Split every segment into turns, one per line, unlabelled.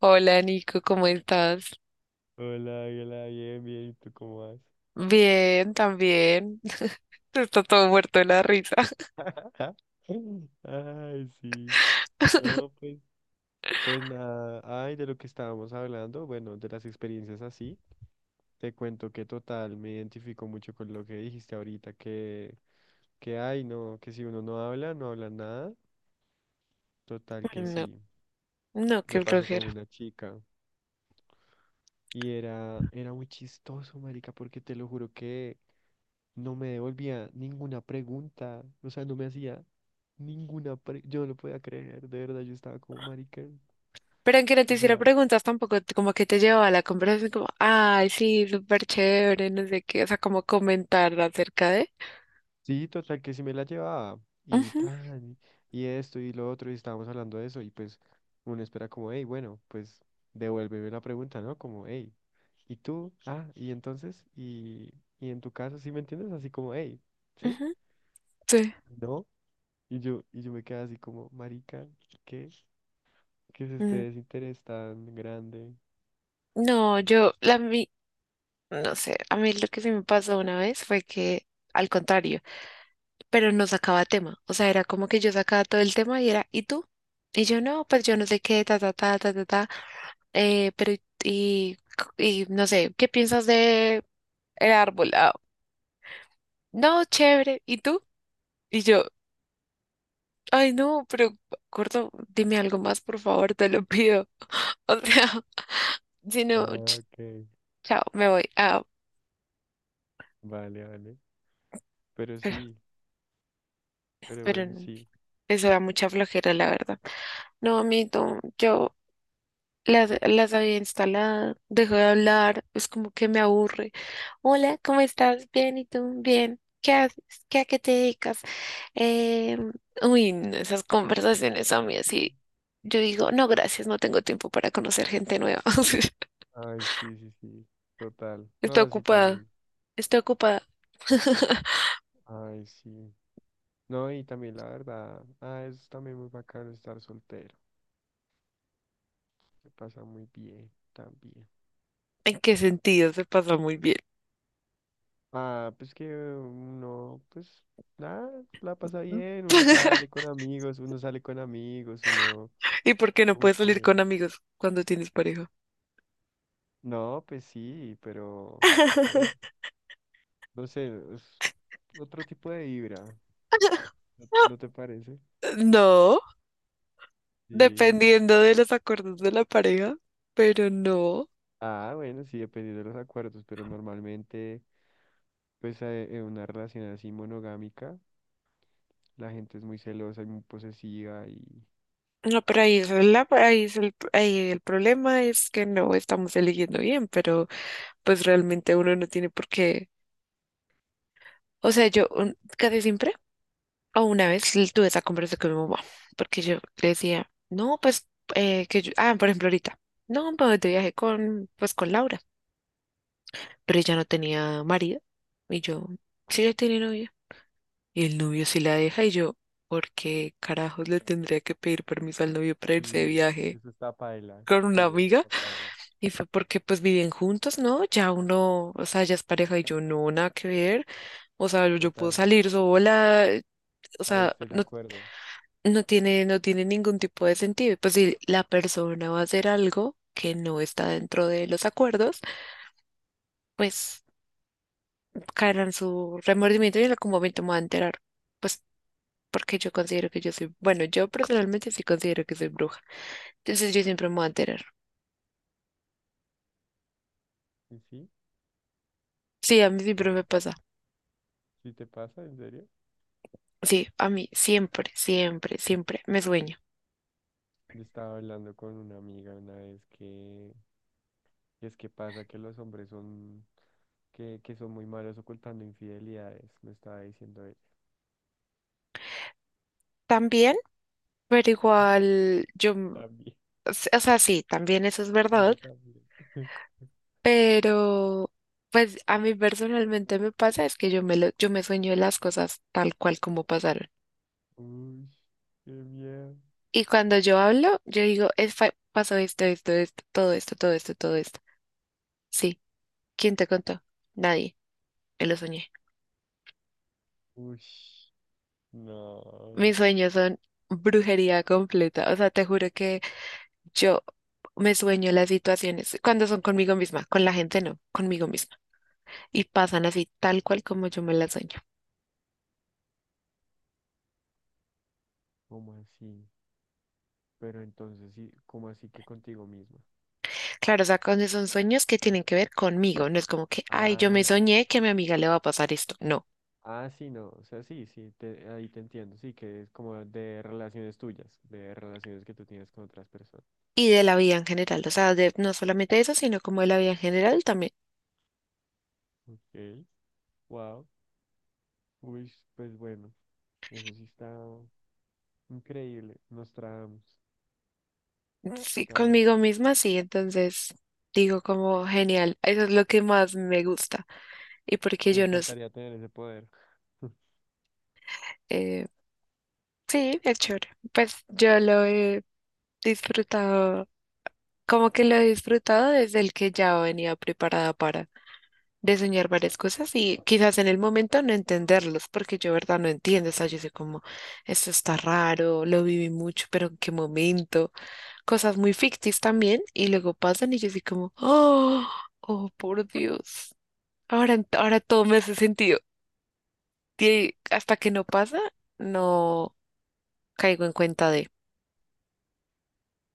Hola Nico, ¿cómo estás?
Hola, hola, bien, bien, ¿y tú cómo vas?
Bien, también. Está todo muerto de la risa.
Ajá. Ay, sí. No, pues, pues nada. Ay, de lo que estábamos hablando, bueno, de las experiencias así, te cuento que total me identifico mucho con lo que dijiste ahorita, que ay, no, que si uno no habla, no habla nada. Total que
No,
sí.
no,
Me
qué
pasó con
flojera.
una chica y era muy chistoso, marica, porque te lo juro que no me devolvía ninguna pregunta, o sea, no me hacía ninguna pregunta, yo no lo podía creer, de verdad, yo estaba como marica,
Pero aunque no te
o
hiciera
sea,
preguntas tampoco, como que te llevaba a la conversación como, ay, sí, súper chévere, no sé qué, o sea, como comentar acerca de...
sí, total, que sí me la llevaba, y
Ujú,
tan, y esto, y lo otro, y estábamos hablando de eso, y pues uno espera como, hey, bueno, pues devuélveme la pregunta, ¿no? Como, hey, ¿y tú? Ah, y entonces, y en tu caso, ¿sí me entiendes? Así como, hey, ¿sí?
ujú, sí.
¿No? Y yo me quedé así como, marica, ¿qué? ¿Qué es este
Mm,
desinterés tan grande?
No, yo, no sé, a mí lo que sí me pasó una vez fue que, al contrario. Pero no sacaba tema. O sea, era como que yo sacaba todo el tema y era, ¿y tú? Y yo no, pues yo no sé qué, ta, ta, ta, ta, ta, ta. Pero, y, y no sé, ¿qué piensas de el árbol? Ah, no, chévere. ¿Y tú? Y yo, ay, no, pero, gordo, dime algo más, por favor, te lo pido. O sea, si no,
Ah, ok.
chao, me voy. Ah,
Vale, vale. Pero
pero,
sí, pero
pero
bueno,
no,
sí.
eso da mucha flojera, la verdad. No, amito, yo las había instalado, dejó de hablar, es como que me aburre. Hola, ¿cómo estás? Bien, ¿y tú? Bien. ¿Qué haces? ¿Qué a qué te dedicas? Eh, uy, no, esas conversaciones a mí así. Yo digo, no, gracias, no tengo tiempo para conocer gente nueva.
Ay, sí, sí, sí. Total.
Estoy
No, sí,
ocupada,
también.
estoy ocupada.
Ay, sí. No, y también la verdad. Ah, es también muy bacano estar soltero. Se pasa muy bien también.
¿En qué sentido? Se pasa muy bien.
Ah, pues que uno, pues nada, la pasa bien. Uno sale con amigos, uno sale con amigos, uno
¿Y por qué no
como
puedes salir
que.
con amigos cuando tienes pareja?
No, pues sí, pero bueno, no sé, es otro tipo de vibra. ¿No, no te parece?
No,
Sí.
dependiendo de los acuerdos de la pareja, pero no.
Ah, bueno, sí, dependiendo de los acuerdos, pero normalmente, pues en una relación así monogámica, la gente es muy celosa y muy posesiva y...
No, pero ahí el problema es que no estamos eligiendo bien, pero pues realmente uno no tiene por qué. O sea, casi siempre o una vez tuve esa conversación con mi mamá, porque yo le decía, no, pues que yo, por ejemplo ahorita, no, pues de viaje con, pues con Laura, pero ella no tenía marido y yo, sí, yo tenía novio. Y el novio sí la deja y yo, ¿por qué carajos le tendría que pedir permiso al novio para irse de
Sí,
viaje
eso está paila.
con
Sí,
una
eso
amiga?
está paila.
Y fue porque pues viven juntos, ¿no? Ya uno, o sea, ya es pareja y yo no, nada que ver. O sea, yo puedo
Total,
salir sola, o
ahí
sea,
estoy de
no,
acuerdo.
no tiene ningún tipo de sentido. Y pues si la persona va a hacer algo que no está dentro de los acuerdos, pues caerá en su remordimiento y en algún momento me va a enterar. Pues porque yo considero que yo soy, bueno, yo personalmente sí considero que soy bruja. Entonces yo siempre me voy a enterar.
¿Y sí?
Sí, a mí siempre
¿Era?
me pasa.
¿Sí te pasa? ¿En serio?
Sí, a mí siempre, siempre, siempre me sueño.
Yo estaba hablando con una amiga una vez que es que pasa que los hombres son... que son muy malos ocultando infidelidades, me estaba diciendo ella.
También, pero igual yo,
También.
o sea, sí, también eso es
Ese
verdad,
también.
pero pues a mí personalmente me pasa es que yo me sueño las cosas tal cual como pasaron.
Uy, qué miedo.
Y cuando yo hablo, yo digo, pasó esto, esto, esto, todo esto, todo esto, todo esto. Sí, ¿quién te contó? Nadie, me lo soñé.
Uy, no.
Mis sueños son brujería completa. O sea, te juro que yo me sueño las situaciones cuando son conmigo misma, con la gente no, conmigo misma. Y pasan así tal cual como yo me las sueño.
¿Cómo así? Pero entonces sí, ¿cómo así que contigo misma?
Claro, o sea, cuando son sueños que tienen que ver conmigo, no es como que, ay, yo
Ah,
me
ya.
soñé que a mi amiga le va a pasar esto. No.
Ah, sí, no. O sea, sí, sí, te- ahí te entiendo. Sí, que es como de relaciones tuyas, de relaciones que tú tienes con otras personas.
Y de la vida en general, o sea, de, no solamente eso, sino como de la vida en general también.
Ok. Wow. Uy, pues bueno. Eso sí está increíble. Nos tragamos.
Sí,
Está...
conmigo misma, sí. Entonces digo como genial, eso es lo que más me gusta. Y porque
Me
yo no sé.
encantaría tener ese poder.
eh, Sí, es chévere. Pues yo lo he disfrutado, como que lo he disfrutado desde el que ya venía preparada para diseñar varias cosas y quizás en el momento no entenderlos, porque yo verdad no entiendo, o sea, yo sé como, esto está raro, lo viví mucho, pero en qué momento, cosas muy ficticias también y luego pasan y yo así como, oh, oh, por Dios, ahora, ahora todo me hace sentido. Y hasta que no pasa, no caigo en cuenta de...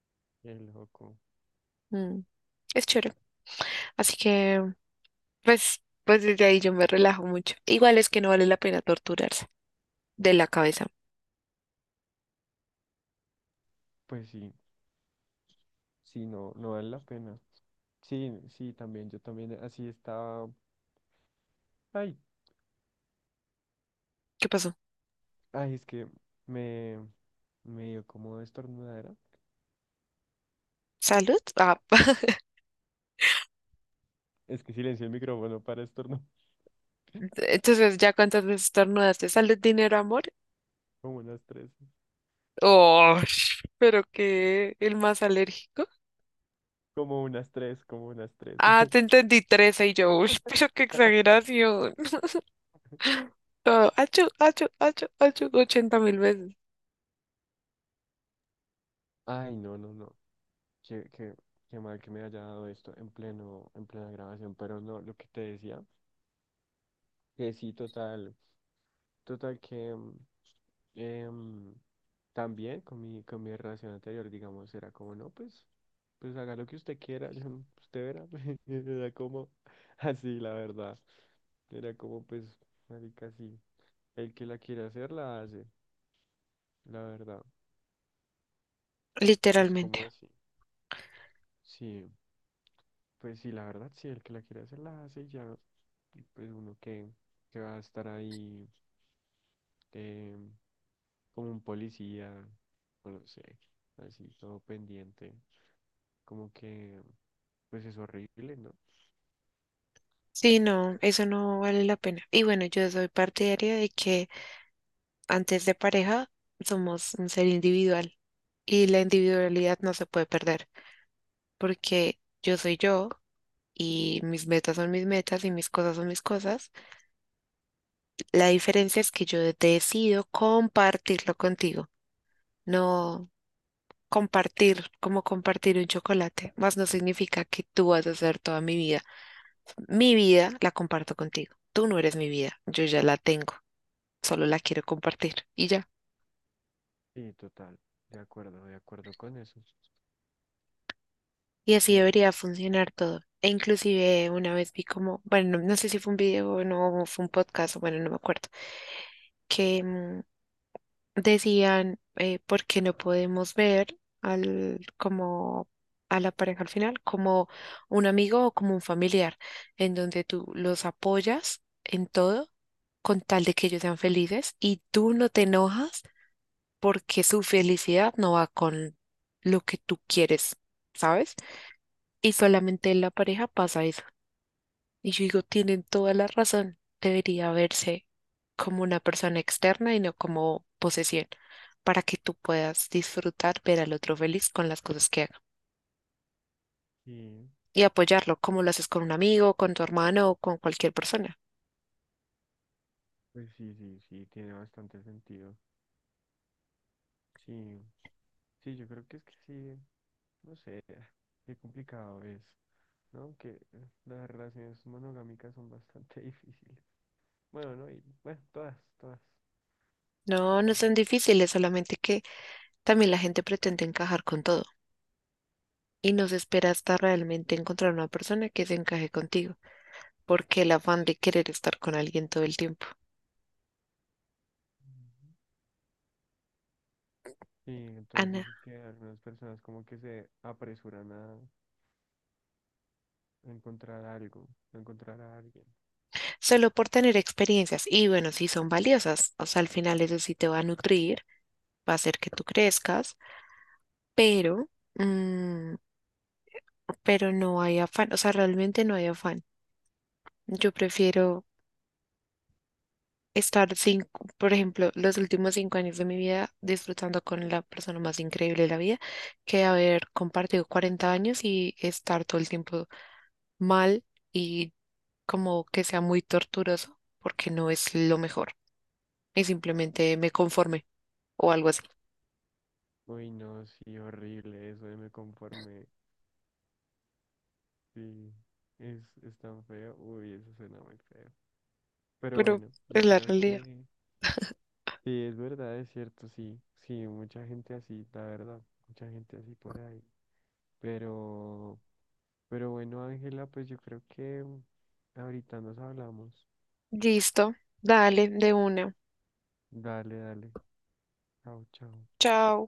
Qué loco.
"Mm, es chévere. Así que, pues desde ahí yo me relajo mucho. Igual es que no vale la pena torturarse de la cabeza.
Pues sí. Sí, no, no vale la pena. Sí, sí, también, yo también así estaba. Ay,
¿Qué pasó?
ay, es que me, me dio como estornudadera.
¿Salud? Ah,
Es que silencio el micrófono para estornudar.
entonces ya cuántas veces estornudaste, ¿salud, dinero, amor?
Como unas tres.
Oh, pero que el más alérgico.
Como unas tres.
Ah, te entendí 13 y yo, uy, pero qué exageración. Todo, achu, achu, achu, achu, 80 mil veces.
Ay, no, no, no. Qué, qué, qué mal que me haya dado esto en pleno, en plena grabación. Pero no, lo que te decía, que sí, total. Total que em, también con mi relación anterior, digamos, era como, no, pues, pues haga lo que usted quiera, yo, no- usted verá. Era como así, la verdad. Era como, pues, marica, sí. El que la quiere hacer, la hace, la verdad. Es
Literalmente.
como así. Sí, pues sí, la verdad, sí, el que la quiere hacer, la hace y ya. y pues uno que va a estar ahí. em, Como un policía, o no sé, así todo pendiente, como que pues es horrible, ¿no?
Sí, no, eso no vale la pena. Y bueno, yo soy partidaria de que antes de pareja, somos un ser individual y la individualidad no se puede perder porque yo soy yo y mis metas son mis metas y mis cosas son mis cosas. La diferencia es que yo decido compartirlo contigo, no compartir como compartir un chocolate, más no significa que tú vas a ser toda mi vida. Mi vida la comparto contigo. Tú no eres mi vida, yo ya la tengo, solo la quiero compartir y ya.
Sí, total, de acuerdo con eso.
Y así
Sí,
debería funcionar todo. E inclusive una vez vi como, bueno, no, no sé si fue un video o no, o fue un podcast, bueno, no me acuerdo, que decían por qué no podemos ver como a la pareja al final como un amigo o como un familiar, en donde tú los apoyas en todo con tal de que ellos sean felices y tú no te enojas porque su felicidad no va con lo que tú quieres, ¿sabes? Y solamente en la pareja pasa eso. Y yo digo, tienen toda la razón. Debería verse como una persona externa y no como posesión, para que tú puedas disfrutar, ver al otro feliz con las cosas que haga
sí,
y apoyarlo, como lo haces con un amigo, con tu hermano o con cualquier persona.
pues sí, sí, sí, tiene bastante sentido. Sí, sí, yo creo que es que sí, no sé, qué complicado es, ¿no? Que las relaciones monogámicas son bastante difíciles. Bueno, no, y bueno, todas, todas,
No, no
todas.
son difíciles, solamente que también la gente pretende encajar con todo y no se espera hasta realmente encontrar una persona que se encaje contigo, porque el afán de querer estar con alguien todo el tiempo.
Las- Sí, entonces
Ana.
dices que algunas personas como que se apresuran a encontrar algo, a encontrar a alguien.
Solo por tener experiencias. Y bueno, sí son valiosas, o sea, al final eso sí te va a nutrir, va a hacer que tú crezcas, pero, mm, pero no hay afán, o sea, realmente no hay afán. Yo prefiero estar cinco, por ejemplo, los últimos 5 años de mi vida disfrutando con la persona más increíble de la vida que haber compartido 40 años y estar todo el tiempo mal y como que sea muy torturoso porque no es lo mejor y simplemente me conforme o algo así.
Uy, no, sí, horrible, eso de me conformé. Sí, es tan feo. Uy, eso suena muy feo. Pero
Pero
bueno,
es
yo
la
creo que
realidad.
sí, es verdad, es cierto, sí. Sí, mucha gente así, la verdad, mucha gente así por ahí. Pero, pero bueno, Ángela, pues yo creo que ahorita nos hablamos.
Listo, dale, de una.
Dale, dale. Chao, chao.
Chao.